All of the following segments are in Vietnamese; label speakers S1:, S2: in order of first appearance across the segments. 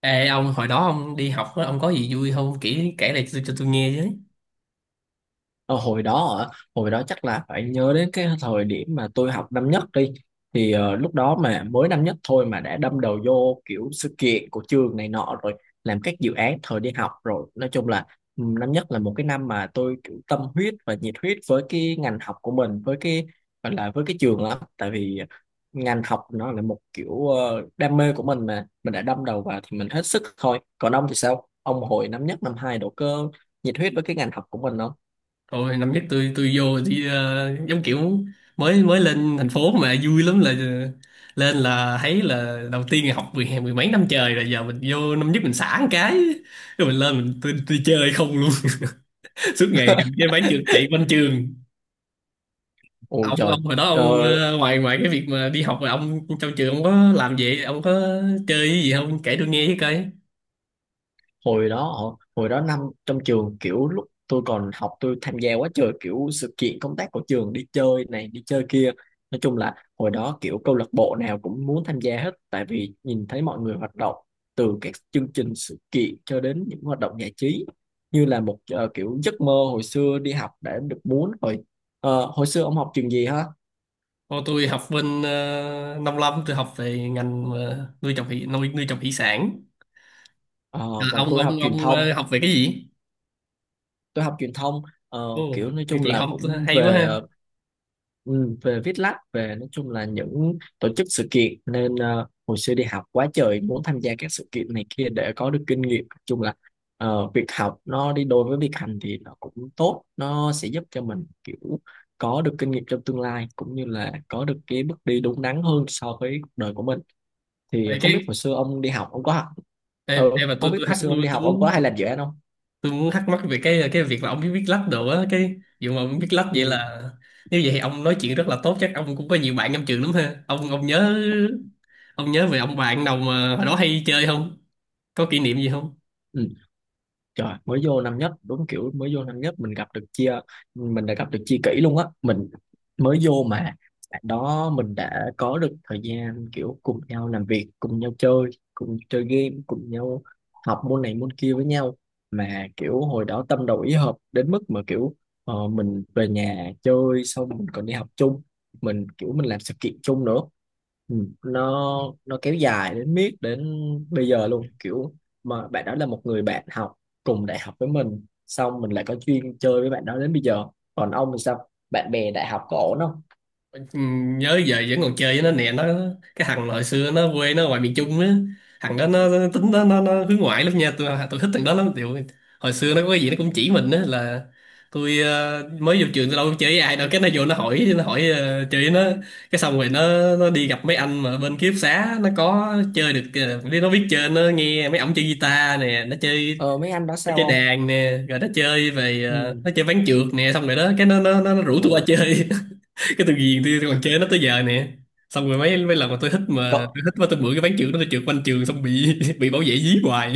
S1: Ê ông hồi đó ông đi học á, ông có gì vui không kể kể lại cho tôi nghe chứ.
S2: Ờ, Hồi đó hả? Hồi đó chắc là phải nhớ đến cái thời điểm mà tôi học năm nhất đi thì lúc đó mà mới năm nhất thôi mà đã đâm đầu vô kiểu sự kiện của trường này nọ rồi, làm các dự án thời đi học rồi. Nói chung là năm nhất là một cái năm mà tôi kiểu tâm huyết và nhiệt huyết với cái ngành học của mình, với cái gọi là với cái trường lắm. Tại vì ngành học nó là một kiểu đam mê của mình mà mình đã đâm đầu vào thì mình hết sức thôi. Còn ông thì sao, ông hồi năm nhất năm hai độ cơ, nhiệt huyết với cái ngành học của mình không?
S1: Hồi năm nhất tôi vô đi giống kiểu mới mới lên thành phố mà vui lắm, là lên là thấy là đầu tiên là học mười mười mấy năm trời rồi giờ mình vô năm nhất mình xả một cái rồi mình lên tôi chơi không luôn suốt ngày cầm cái bán trường chạy quanh trường.
S2: Ôi
S1: ông
S2: trời,
S1: ông hồi đó ông
S2: ờ,
S1: ngoài ngoài cái việc mà đi học rồi ông trong trường ông có làm gì, ông có chơi cái gì không, kể tôi nghe với coi.
S2: hồi đó năm, trong trường kiểu lúc tôi còn học tôi tham gia quá trời kiểu sự kiện công tác của trường, đi chơi này đi chơi kia. Nói chung là hồi đó kiểu câu lạc bộ nào cũng muốn tham gia hết, tại vì nhìn thấy mọi người hoạt động từ các chương trình sự kiện cho đến những hoạt động giải trí như là một kiểu giấc mơ hồi xưa đi học đã được muốn rồi. Ờ, hồi xưa ông học trường gì hả?
S1: Ô, tôi học bên nông lâm, tôi học về ngành nuôi trồng thủy nuôi nuôi trồng thủy sản. Ờ,
S2: Ờ, còn
S1: ông
S2: tôi học
S1: ông
S2: truyền
S1: ông ờ,
S2: thông,
S1: học về cái gì?
S2: tôi học truyền thông.
S1: Ồ,
S2: Kiểu nói
S1: cái
S2: chung
S1: chị
S2: là
S1: không
S2: cũng
S1: hay quá
S2: về
S1: ha.
S2: ừ, về viết lách, về nói chung là những tổ chức sự kiện nên hồi xưa đi học quá trời muốn tham gia các sự kiện này kia để có được kinh nghiệm. Nói chung là việc học nó đi đôi với việc hành thì nó cũng tốt, nó sẽ giúp cho mình kiểu có được kinh nghiệm trong tương lai, cũng như là có được cái bước đi đúng đắn hơn so với cuộc đời của mình. Thì
S1: Vậy
S2: không
S1: cái
S2: biết hồi xưa ông đi học ông có học, ừ,
S1: em mà
S2: không biết
S1: tôi
S2: hồi
S1: thắc
S2: xưa ông đi học ông có hay làm dự án không.
S1: tôi muốn thắc mắc về cái việc là ông biết viết lách đồ á, cái dù mà ông biết lách vậy
S2: Ừ.
S1: là nếu vậy thì ông nói chuyện rất là tốt, chắc ông cũng có nhiều bạn trong trường lắm ha. Ông nhớ nhớ về ông bạn nào mà hồi đó hay chơi không, có kỷ niệm gì không?
S2: Ừ. Trời, mới vô năm nhất, đúng kiểu mới vô năm nhất mình gặp được chia, mình đã gặp được chia kỷ luôn á. Mình mới vô mà bạn đó mình đã có được thời gian kiểu cùng nhau làm việc, cùng nhau chơi, cùng chơi game, cùng nhau học môn này môn kia với nhau. Mà kiểu hồi đó tâm đầu ý hợp đến mức mà kiểu mình về nhà chơi xong mình còn đi học chung, mình kiểu mình làm sự kiện chung nữa. Ừ, nó kéo dài đến miết đến bây giờ luôn, kiểu mà bạn đó là một người bạn học cùng đại học với mình, xong mình lại có duyên chơi với bạn đó đến bây giờ. Còn ông thì sao, bạn bè đại học có ổn không?
S1: Ừ, nhớ, giờ vẫn còn chơi với nó nè. Cái thằng hồi xưa nó quê nó ngoài miền Trung á, thằng đó nó, tính nó hướng ngoại lắm nha, tôi thích thằng đó lắm. Điều, hồi xưa nó có cái gì nó cũng chỉ mình á, là tôi mới vô trường tôi đâu có chơi với ai đâu, cái nó vô nó hỏi chơi với nó, cái xong rồi nó đi gặp mấy anh mà bên ký túc xá nó có chơi được. Ờ, đi nó biết chơi, nó nghe mấy ổng chơi guitar nè, nó chơi,
S2: Ờ mấy anh đó
S1: nó
S2: sao
S1: chơi
S2: không.
S1: đàn nè, rồi nó chơi về
S2: Ừ.
S1: nó chơi ván trượt nè, xong rồi đó cái nó rủ
S2: Ồ.
S1: tôi qua chơi, cái từ ghiền tôi còn chơi nó tới giờ nè. Xong rồi mấy mấy lần mà
S2: cộng
S1: tôi thích mà tôi bữa cái ván trường đó tôi trượt quanh trường xong bị bị bảo vệ dí hoài.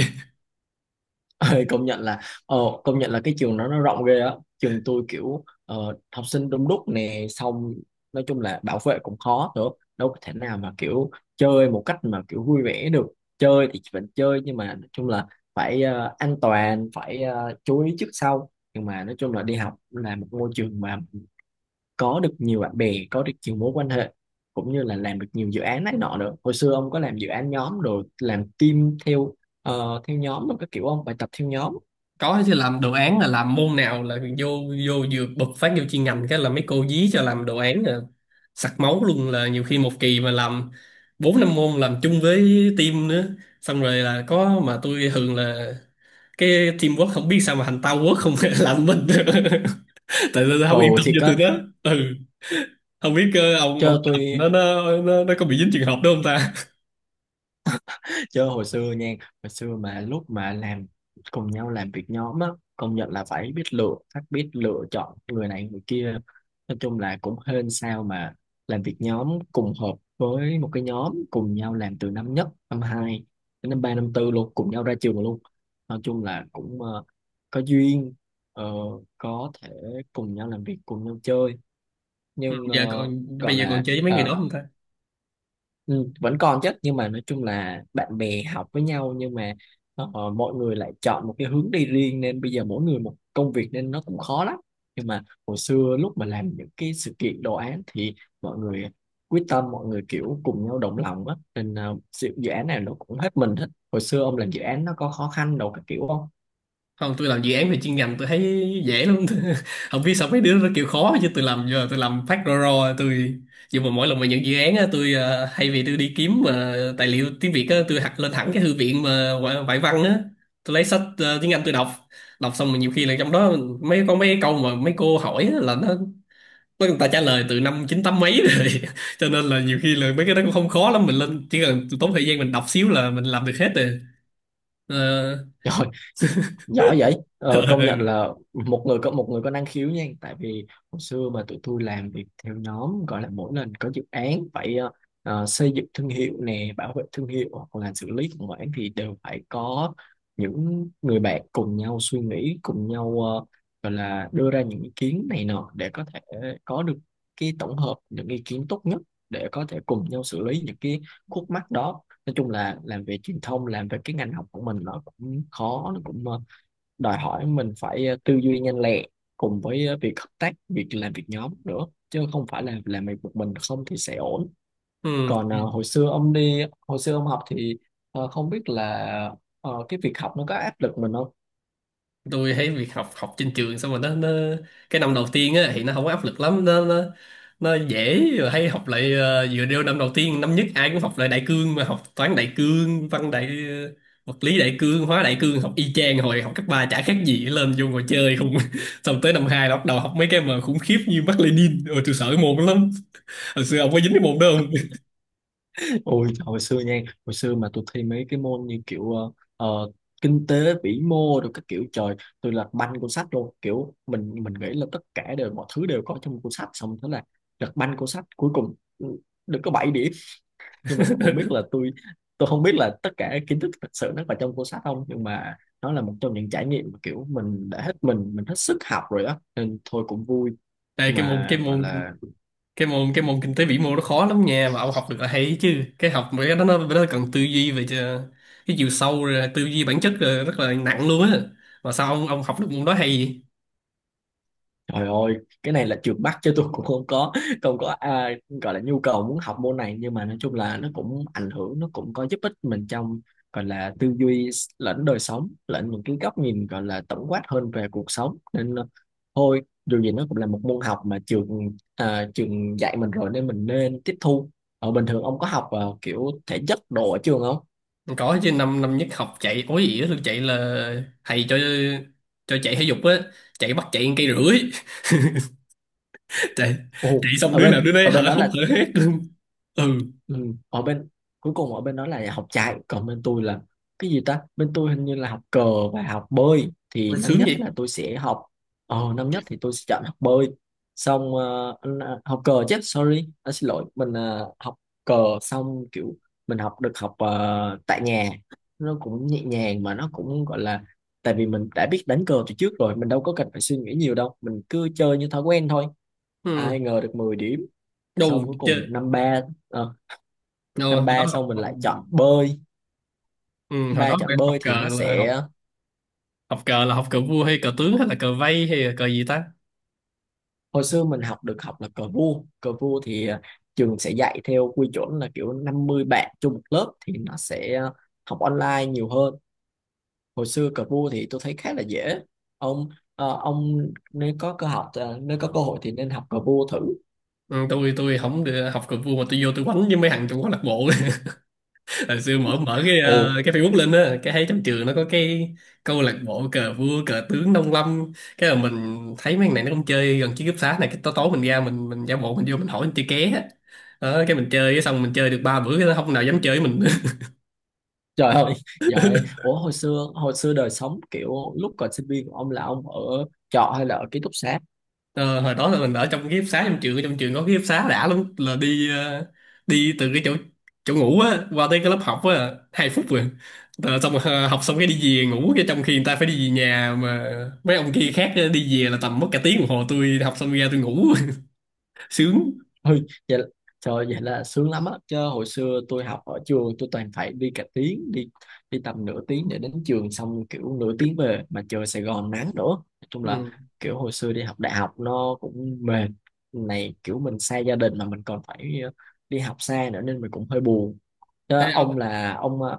S2: Công nhận là ờ công nhận là cái trường nó rộng ghê á, trường tôi kiểu học sinh đông đúc nè, xong nói chung là bảo vệ cũng khó nữa, đâu có thể nào mà kiểu chơi một cách mà kiểu vui vẻ được. Chơi thì vẫn chơi nhưng mà nói chung là phải an toàn, phải chú ý trước sau, nhưng mà nói chung là đi học là một môi trường mà có được nhiều bạn bè, có được nhiều mối quan hệ, cũng như là làm được nhiều dự án này nọ nữa. Hồi xưa ông có làm dự án nhóm rồi làm team theo theo nhóm rồi các kiểu không, bài tập theo nhóm?
S1: Có chứ, làm đồ án là làm môn nào là vô vô vừa bật phát vô chuyên ngành cái là mấy cô dí cho làm đồ án là sặc máu luôn, là nhiều khi một kỳ mà làm bốn năm môn làm chung với team nữa, xong rồi là có mà tôi thường là cái teamwork không biết sao mà thành tao quốc không làm mình tại tôi không yên
S2: Ồ
S1: tâm
S2: thì
S1: cho tụi
S2: có.
S1: nó. Ừ, không biết ông
S2: Cho
S1: làm
S2: tôi,
S1: nó có bị dính trường hợp đó không ta?
S2: chứ hồi xưa nha, hồi xưa mà lúc mà làm cùng nhau làm việc nhóm á, công nhận là phải biết lựa, phải biết lựa chọn người này người kia. Nói chung là cũng hên sao mà làm việc nhóm cùng hợp với một cái nhóm, cùng nhau làm từ năm nhất năm hai đến năm ba năm tư luôn, cùng nhau ra trường luôn. Nói chung là cũng có duyên, ờ, có thể cùng nhau làm việc, cùng nhau chơi,
S1: Ừ,
S2: nhưng
S1: giờ còn,
S2: gọi
S1: bây giờ còn
S2: là
S1: chơi với mấy người đó không ta?
S2: ừ, vẫn còn chứ, nhưng mà nói chung là bạn bè học với nhau nhưng mà mọi người lại chọn một cái hướng đi riêng nên bây giờ mỗi người một công việc nên nó cũng khó lắm. Nhưng mà hồi xưa lúc mà làm những cái sự kiện đồ án thì mọi người quyết tâm, mọi người kiểu cùng nhau đồng lòng á, nên ờ, dự dự án này nó cũng hết mình hết. Hồi xưa ông làm dự án nó có khó khăn đâu các kiểu không?
S1: Không, tôi làm dự án về chuyên ngành tôi thấy dễ lắm không biết sao mấy đứa nó kêu khó chứ tôi làm giờ tôi làm phát ro ro. Tôi nhưng mà mỗi lần mà nhận dự án á tôi thay vì tôi đi kiếm mà tài liệu tiếng Việt á, tôi học lên thẳng cái thư viện mà ngoại ngoại văn á, tôi lấy sách tiếng Anh tôi đọc. Đọc xong mà nhiều khi là trong đó có mấy câu mà mấy cô hỏi á, là nó mấy người ta trả lời từ năm chín tám mấy rồi cho nên là nhiều khi là mấy cái đó cũng không khó lắm, mình lên chỉ cần tốn thời gian mình đọc xíu là mình làm được hết rồi.
S2: Trời, giỏi vậy. Ờ,
S1: Ờ,
S2: Công nhận là một người có năng khiếu nha, tại vì hồi xưa mà tụi tôi làm việc theo nhóm gọi là mỗi lần có dự án phải xây dựng thương hiệu nè, bảo vệ thương hiệu hoặc là xử lý khủng hoảng thì đều phải có những người bạn cùng nhau suy nghĩ, cùng nhau gọi là đưa ra những ý kiến này nọ để có thể có được cái tổng hợp những ý kiến tốt nhất, để có thể cùng nhau xử lý những cái khúc mắc đó. Nói chung là làm về truyền thông, làm về cái ngành học của mình nó cũng khó, nó cũng đòi hỏi mình phải tư duy nhanh lẹ cùng với việc hợp tác, việc làm việc nhóm nữa, chứ không phải là làm việc một mình không thì sẽ ổn.
S1: ừ,
S2: Còn hồi xưa ông đi, hồi xưa ông học thì không biết là cái việc học nó có áp lực mình không?
S1: tôi thấy việc học, học trên trường xong rồi nó cái năm đầu tiên á thì nó không có áp lực lắm, nó nó dễ, rồi hay học lại vừa đeo năm đầu tiên, năm nhất ai cũng học lại đại cương mà, học toán đại cương, văn đại vật lý đại cương, hóa đại cương, học y chang hồi học cấp ba, chả khác gì, lên vô ngồi chơi không xong tới năm hai là bắt đầu học mấy cái mà khủng khiếp như Mác Lênin, rồi tôi sợ cái môn đó lắm. Hồi xưa ông có dính cái môn đó không?
S2: Ôi, hồi xưa nha, hồi xưa mà tôi thi mấy cái môn như kiểu ờ, kinh tế vĩ mô rồi các kiểu, trời, tôi lật banh cuốn sách luôn, kiểu mình nghĩ là tất cả đều, mọi thứ đều có trong cuốn sách, xong thế là lật banh cuốn sách, cuối cùng được có 7 điểm. Nhưng mà tôi không biết là tôi không biết là tất cả kiến thức thực sự nó có trong cuốn sách không, nhưng mà nó là một trong những trải nghiệm mà kiểu mình đã hết mình hết sức học rồi đó nên thôi cũng vui.
S1: Đây
S2: Nhưng
S1: cái
S2: mà gọi là,
S1: môn kinh tế vĩ mô nó khó lắm nha, mà ông học được là hay chứ, cái học mấy cái đó nó cần tư duy về cái chiều sâu rồi tư duy bản chất, rồi rất là nặng luôn á, mà sao ông học được môn đó hay
S2: trời ơi, cái này là trượt bắt chứ tôi cũng không có, không có gọi là nhu cầu muốn học môn này, nhưng mà nói chung là nó cũng ảnh hưởng, nó cũng có giúp ích mình trong gọi là tư duy lẫn đời sống lẫn những cái góc nhìn gọi là tổng quát hơn về cuộc sống, nên thôi dù gì nó cũng là một môn học mà trường dạy mình rồi nên mình nên tiếp thu. Ở bình thường ông có học kiểu thể chất đồ ở trường không?
S1: vậy? Có chứ, năm năm nhất học chạy ối ỉa luôn, chạy là thầy cho chạy thể dục á, chạy bắt chạy cây rưỡi chạy chạy
S2: Ồ,
S1: xong
S2: ở
S1: đứa nào
S2: bên
S1: đứa đấy
S2: ở bên
S1: hở
S2: đó
S1: hốc
S2: là,
S1: hở hét luôn. Ừ.
S2: ừ. Ở bên cuối cùng ở bên đó là học chạy, còn bên tôi là cái gì ta, bên tôi hình như là học cờ và học bơi. Thì
S1: Ôi,
S2: năm
S1: sướng
S2: nhất là
S1: vậy.
S2: tôi sẽ học, năm nhất thì tôi sẽ chọn học bơi, xong học cờ chứ, sorry à, xin lỗi, mình học cờ, xong kiểu mình học được, học tại nhà, nó cũng nhẹ nhàng mà nó cũng gọi là, tại vì mình đã biết đánh cờ từ trước rồi mình đâu có cần phải suy nghĩ nhiều đâu, mình cứ chơi như thói quen thôi,
S1: Ừ,
S2: ai ngờ được 10 điểm. Xong
S1: đâu
S2: cuối cùng
S1: chơi
S2: năm ba, ờ,
S1: đâu,
S2: năm
S1: hồi đó
S2: ba xong mình
S1: học
S2: lại chọn bơi,
S1: ừ, hồi
S2: ba
S1: đó phải
S2: chọn
S1: học
S2: bơi thì
S1: cờ
S2: nó
S1: là học
S2: sẽ,
S1: học cờ là học cờ vua hay cờ tướng hay là cờ vây hay là cờ gì ta?
S2: hồi xưa mình học được học là cờ vua. Cờ vua thì trường sẽ dạy theo quy chuẩn là kiểu 50 bạn chung một lớp thì nó sẽ học online nhiều hơn. Hồi xưa cờ vua thì tôi thấy khá là dễ. Ông ờ, ông nếu có nếu có cơ hội thì nên học cờ vua thử.
S1: Ừ, tôi không được học cờ vua mà tôi vô tôi quánh với mấy thằng trong câu lạc bộ hồi xưa mở mở cái
S2: Ồ.
S1: cái Facebook lên á, cái thấy trong trường nó có cái câu lạc bộ cờ vua cờ tướng nông lâm, cái là mình thấy mấy thằng này nó không chơi gần chiếc cúp xá này, cái tối tối mình ra mình giả bộ mình vô mình hỏi mình chơi ké á. Đó, cái mình chơi xong mình chơi được ba bữa cái nó không nào dám chơi với mình
S2: Trời ơi, giỏi, ủa hồi xưa, hồi xưa đời sống kiểu lúc còn sinh viên của ông là ông ở trọ hay là ở ký túc xá?
S1: Ờ, hồi đó là mình ở trong cái ký túc xá trong trường, trong trường có ký túc xá đã lắm, là đi đi từ cái chỗ chỗ ngủ á qua tới cái lớp học á hai phút rồi. Rồi xong rồi, ờ, học xong cái đi về ngủ, cái trong khi người ta phải đi về nhà mà mấy ông kia khác đi về là tầm mất cả tiếng đồng hồ, tôi học xong ra tôi ngủ sướng.
S2: Ôi, vậy là, trời vậy là sướng lắm á, chứ hồi xưa tôi học ở trường tôi toàn phải đi cả tiếng, đi đi tầm nửa tiếng để đến trường, xong kiểu nửa tiếng về, mà trời Sài Gòn nắng nữa, nói chung là
S1: Ừ.
S2: kiểu hồi xưa đi học đại học nó cũng mệt. Này kiểu mình xa gia đình mà mình còn phải đi học xa nữa nên mình cũng hơi buồn. Chứ
S1: Ê,
S2: ông là ông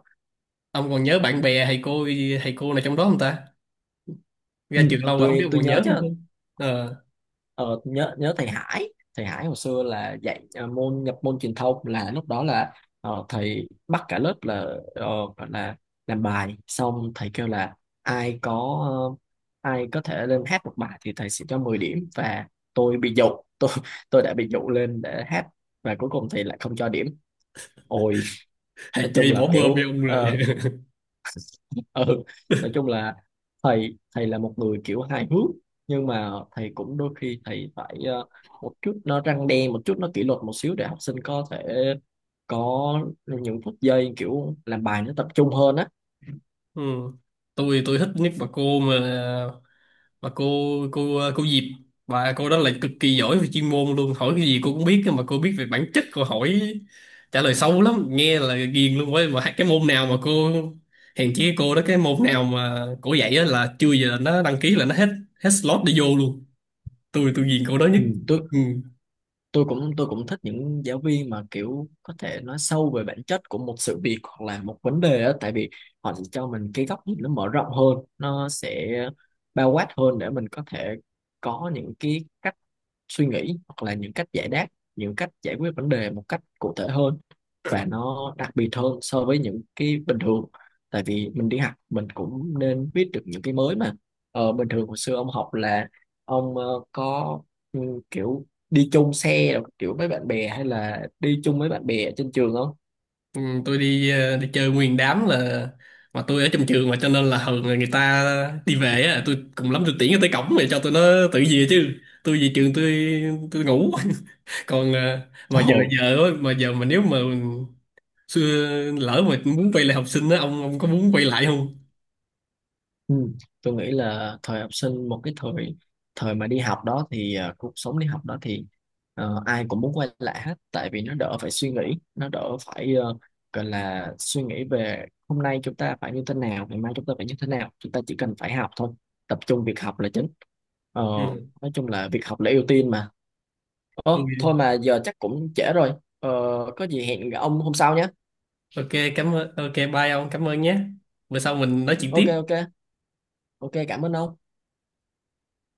S1: ông còn nhớ bạn bè thầy cô, thầy cô nào trong đó không ta, ra
S2: ừ,
S1: trường lâu rồi không
S2: tôi
S1: biết ông
S2: tôi
S1: còn
S2: nhớ
S1: nhớ
S2: chứ.
S1: không không ờ,
S2: Ờ, nhớ nhớ thầy Hải, thầy Hải hồi xưa là dạy môn nhập môn truyền thông, là lúc đó là thầy bắt cả lớp là ờ, gọi là làm bài xong thầy kêu là ai có, ờ, ai có thể lên hát một bài thì thầy sẽ cho 10 điểm, và tôi bị dụ tôi tôi đã bị dụ lên để hát và cuối cùng thầy lại không cho điểm. Ôi,
S1: thầy
S2: nói chung
S1: chơi
S2: là
S1: bỏ bơm với
S2: kiểu
S1: ông rồi
S2: ừ nói chung là thầy thầy là một người kiểu hài hước, nhưng mà thầy cũng đôi khi thầy phải một chút nó răng đe, một chút nó kỷ luật một xíu để học sinh có thể có những phút giây kiểu làm bài nó tập trung hơn á.
S1: ừ, tôi thích nhất bà cô mà mà cô cô cô Diệp, và cô đó là cực kỳ giỏi về chuyên môn luôn, hỏi cái gì cô cũng biết, cơ mà cô biết về bản chất, cô hỏi trả lời sâu lắm nghe là ghiền luôn ấy, mà cái môn nào mà hèn chi cái cô đó, cái môn nào mà cô dạy á là chưa giờ là nó đăng ký là nó hết, hết slot để vô luôn, tôi ghiền cô đó nhất.
S2: Ừ. tôi
S1: Ừ.
S2: tôi cũng thích những giáo viên mà kiểu có thể nói sâu về bản chất của một sự việc hoặc là một vấn đề á, tại vì họ sẽ cho mình cái góc nhìn nó mở rộng hơn, nó sẽ bao quát hơn để mình có thể có những cái cách suy nghĩ hoặc là những cách giải đáp, những cách giải quyết vấn đề một cách cụ thể hơn và nó đặc biệt hơn so với những cái bình thường. Tại vì mình đi học mình cũng nên biết được những cái mới mà bình thường. Hồi xưa ông học là ông có ừ, kiểu đi chung xe rồi, kiểu với bạn bè hay là đi chung với bạn bè ở trên trường không?
S1: Ừ, tôi đi đi chơi nguyên đám, là mà tôi ở trong trường mà cho nên là thường là người ta đi về á, tôi cùng lắm tôi tiễn nó tới cổng rồi cho tụi nó tự về chứ, tôi về trường tôi ngủ. Còn à, mà giờ
S2: Ồ.
S1: giờ á, mà giờ mà nếu mà xưa lỡ mà muốn quay lại học sinh á, ông có muốn quay lại không?
S2: Ừ. Tôi nghĩ là thời học sinh, một cái thời, thời mà đi học đó thì cuộc sống đi học đó thì ai cũng muốn quay lại hết, tại vì nó đỡ phải suy nghĩ, nó đỡ phải gọi là suy nghĩ về hôm nay chúng ta phải như thế nào, ngày mai chúng ta phải như thế nào. Chúng ta chỉ cần phải học thôi, tập trung việc học là chính. Ờ,
S1: Ừ.
S2: nói chung là việc học là ưu tiên mà. Ồ, thôi mà giờ chắc cũng trễ rồi. Ờ, có gì hẹn ông hôm sau nhé.
S1: Ok cảm ơn, ok bye ông, cảm ơn nhé, bữa sau mình nói chuyện tiếp.
S2: Ok, ok. Ok, cảm ơn ông.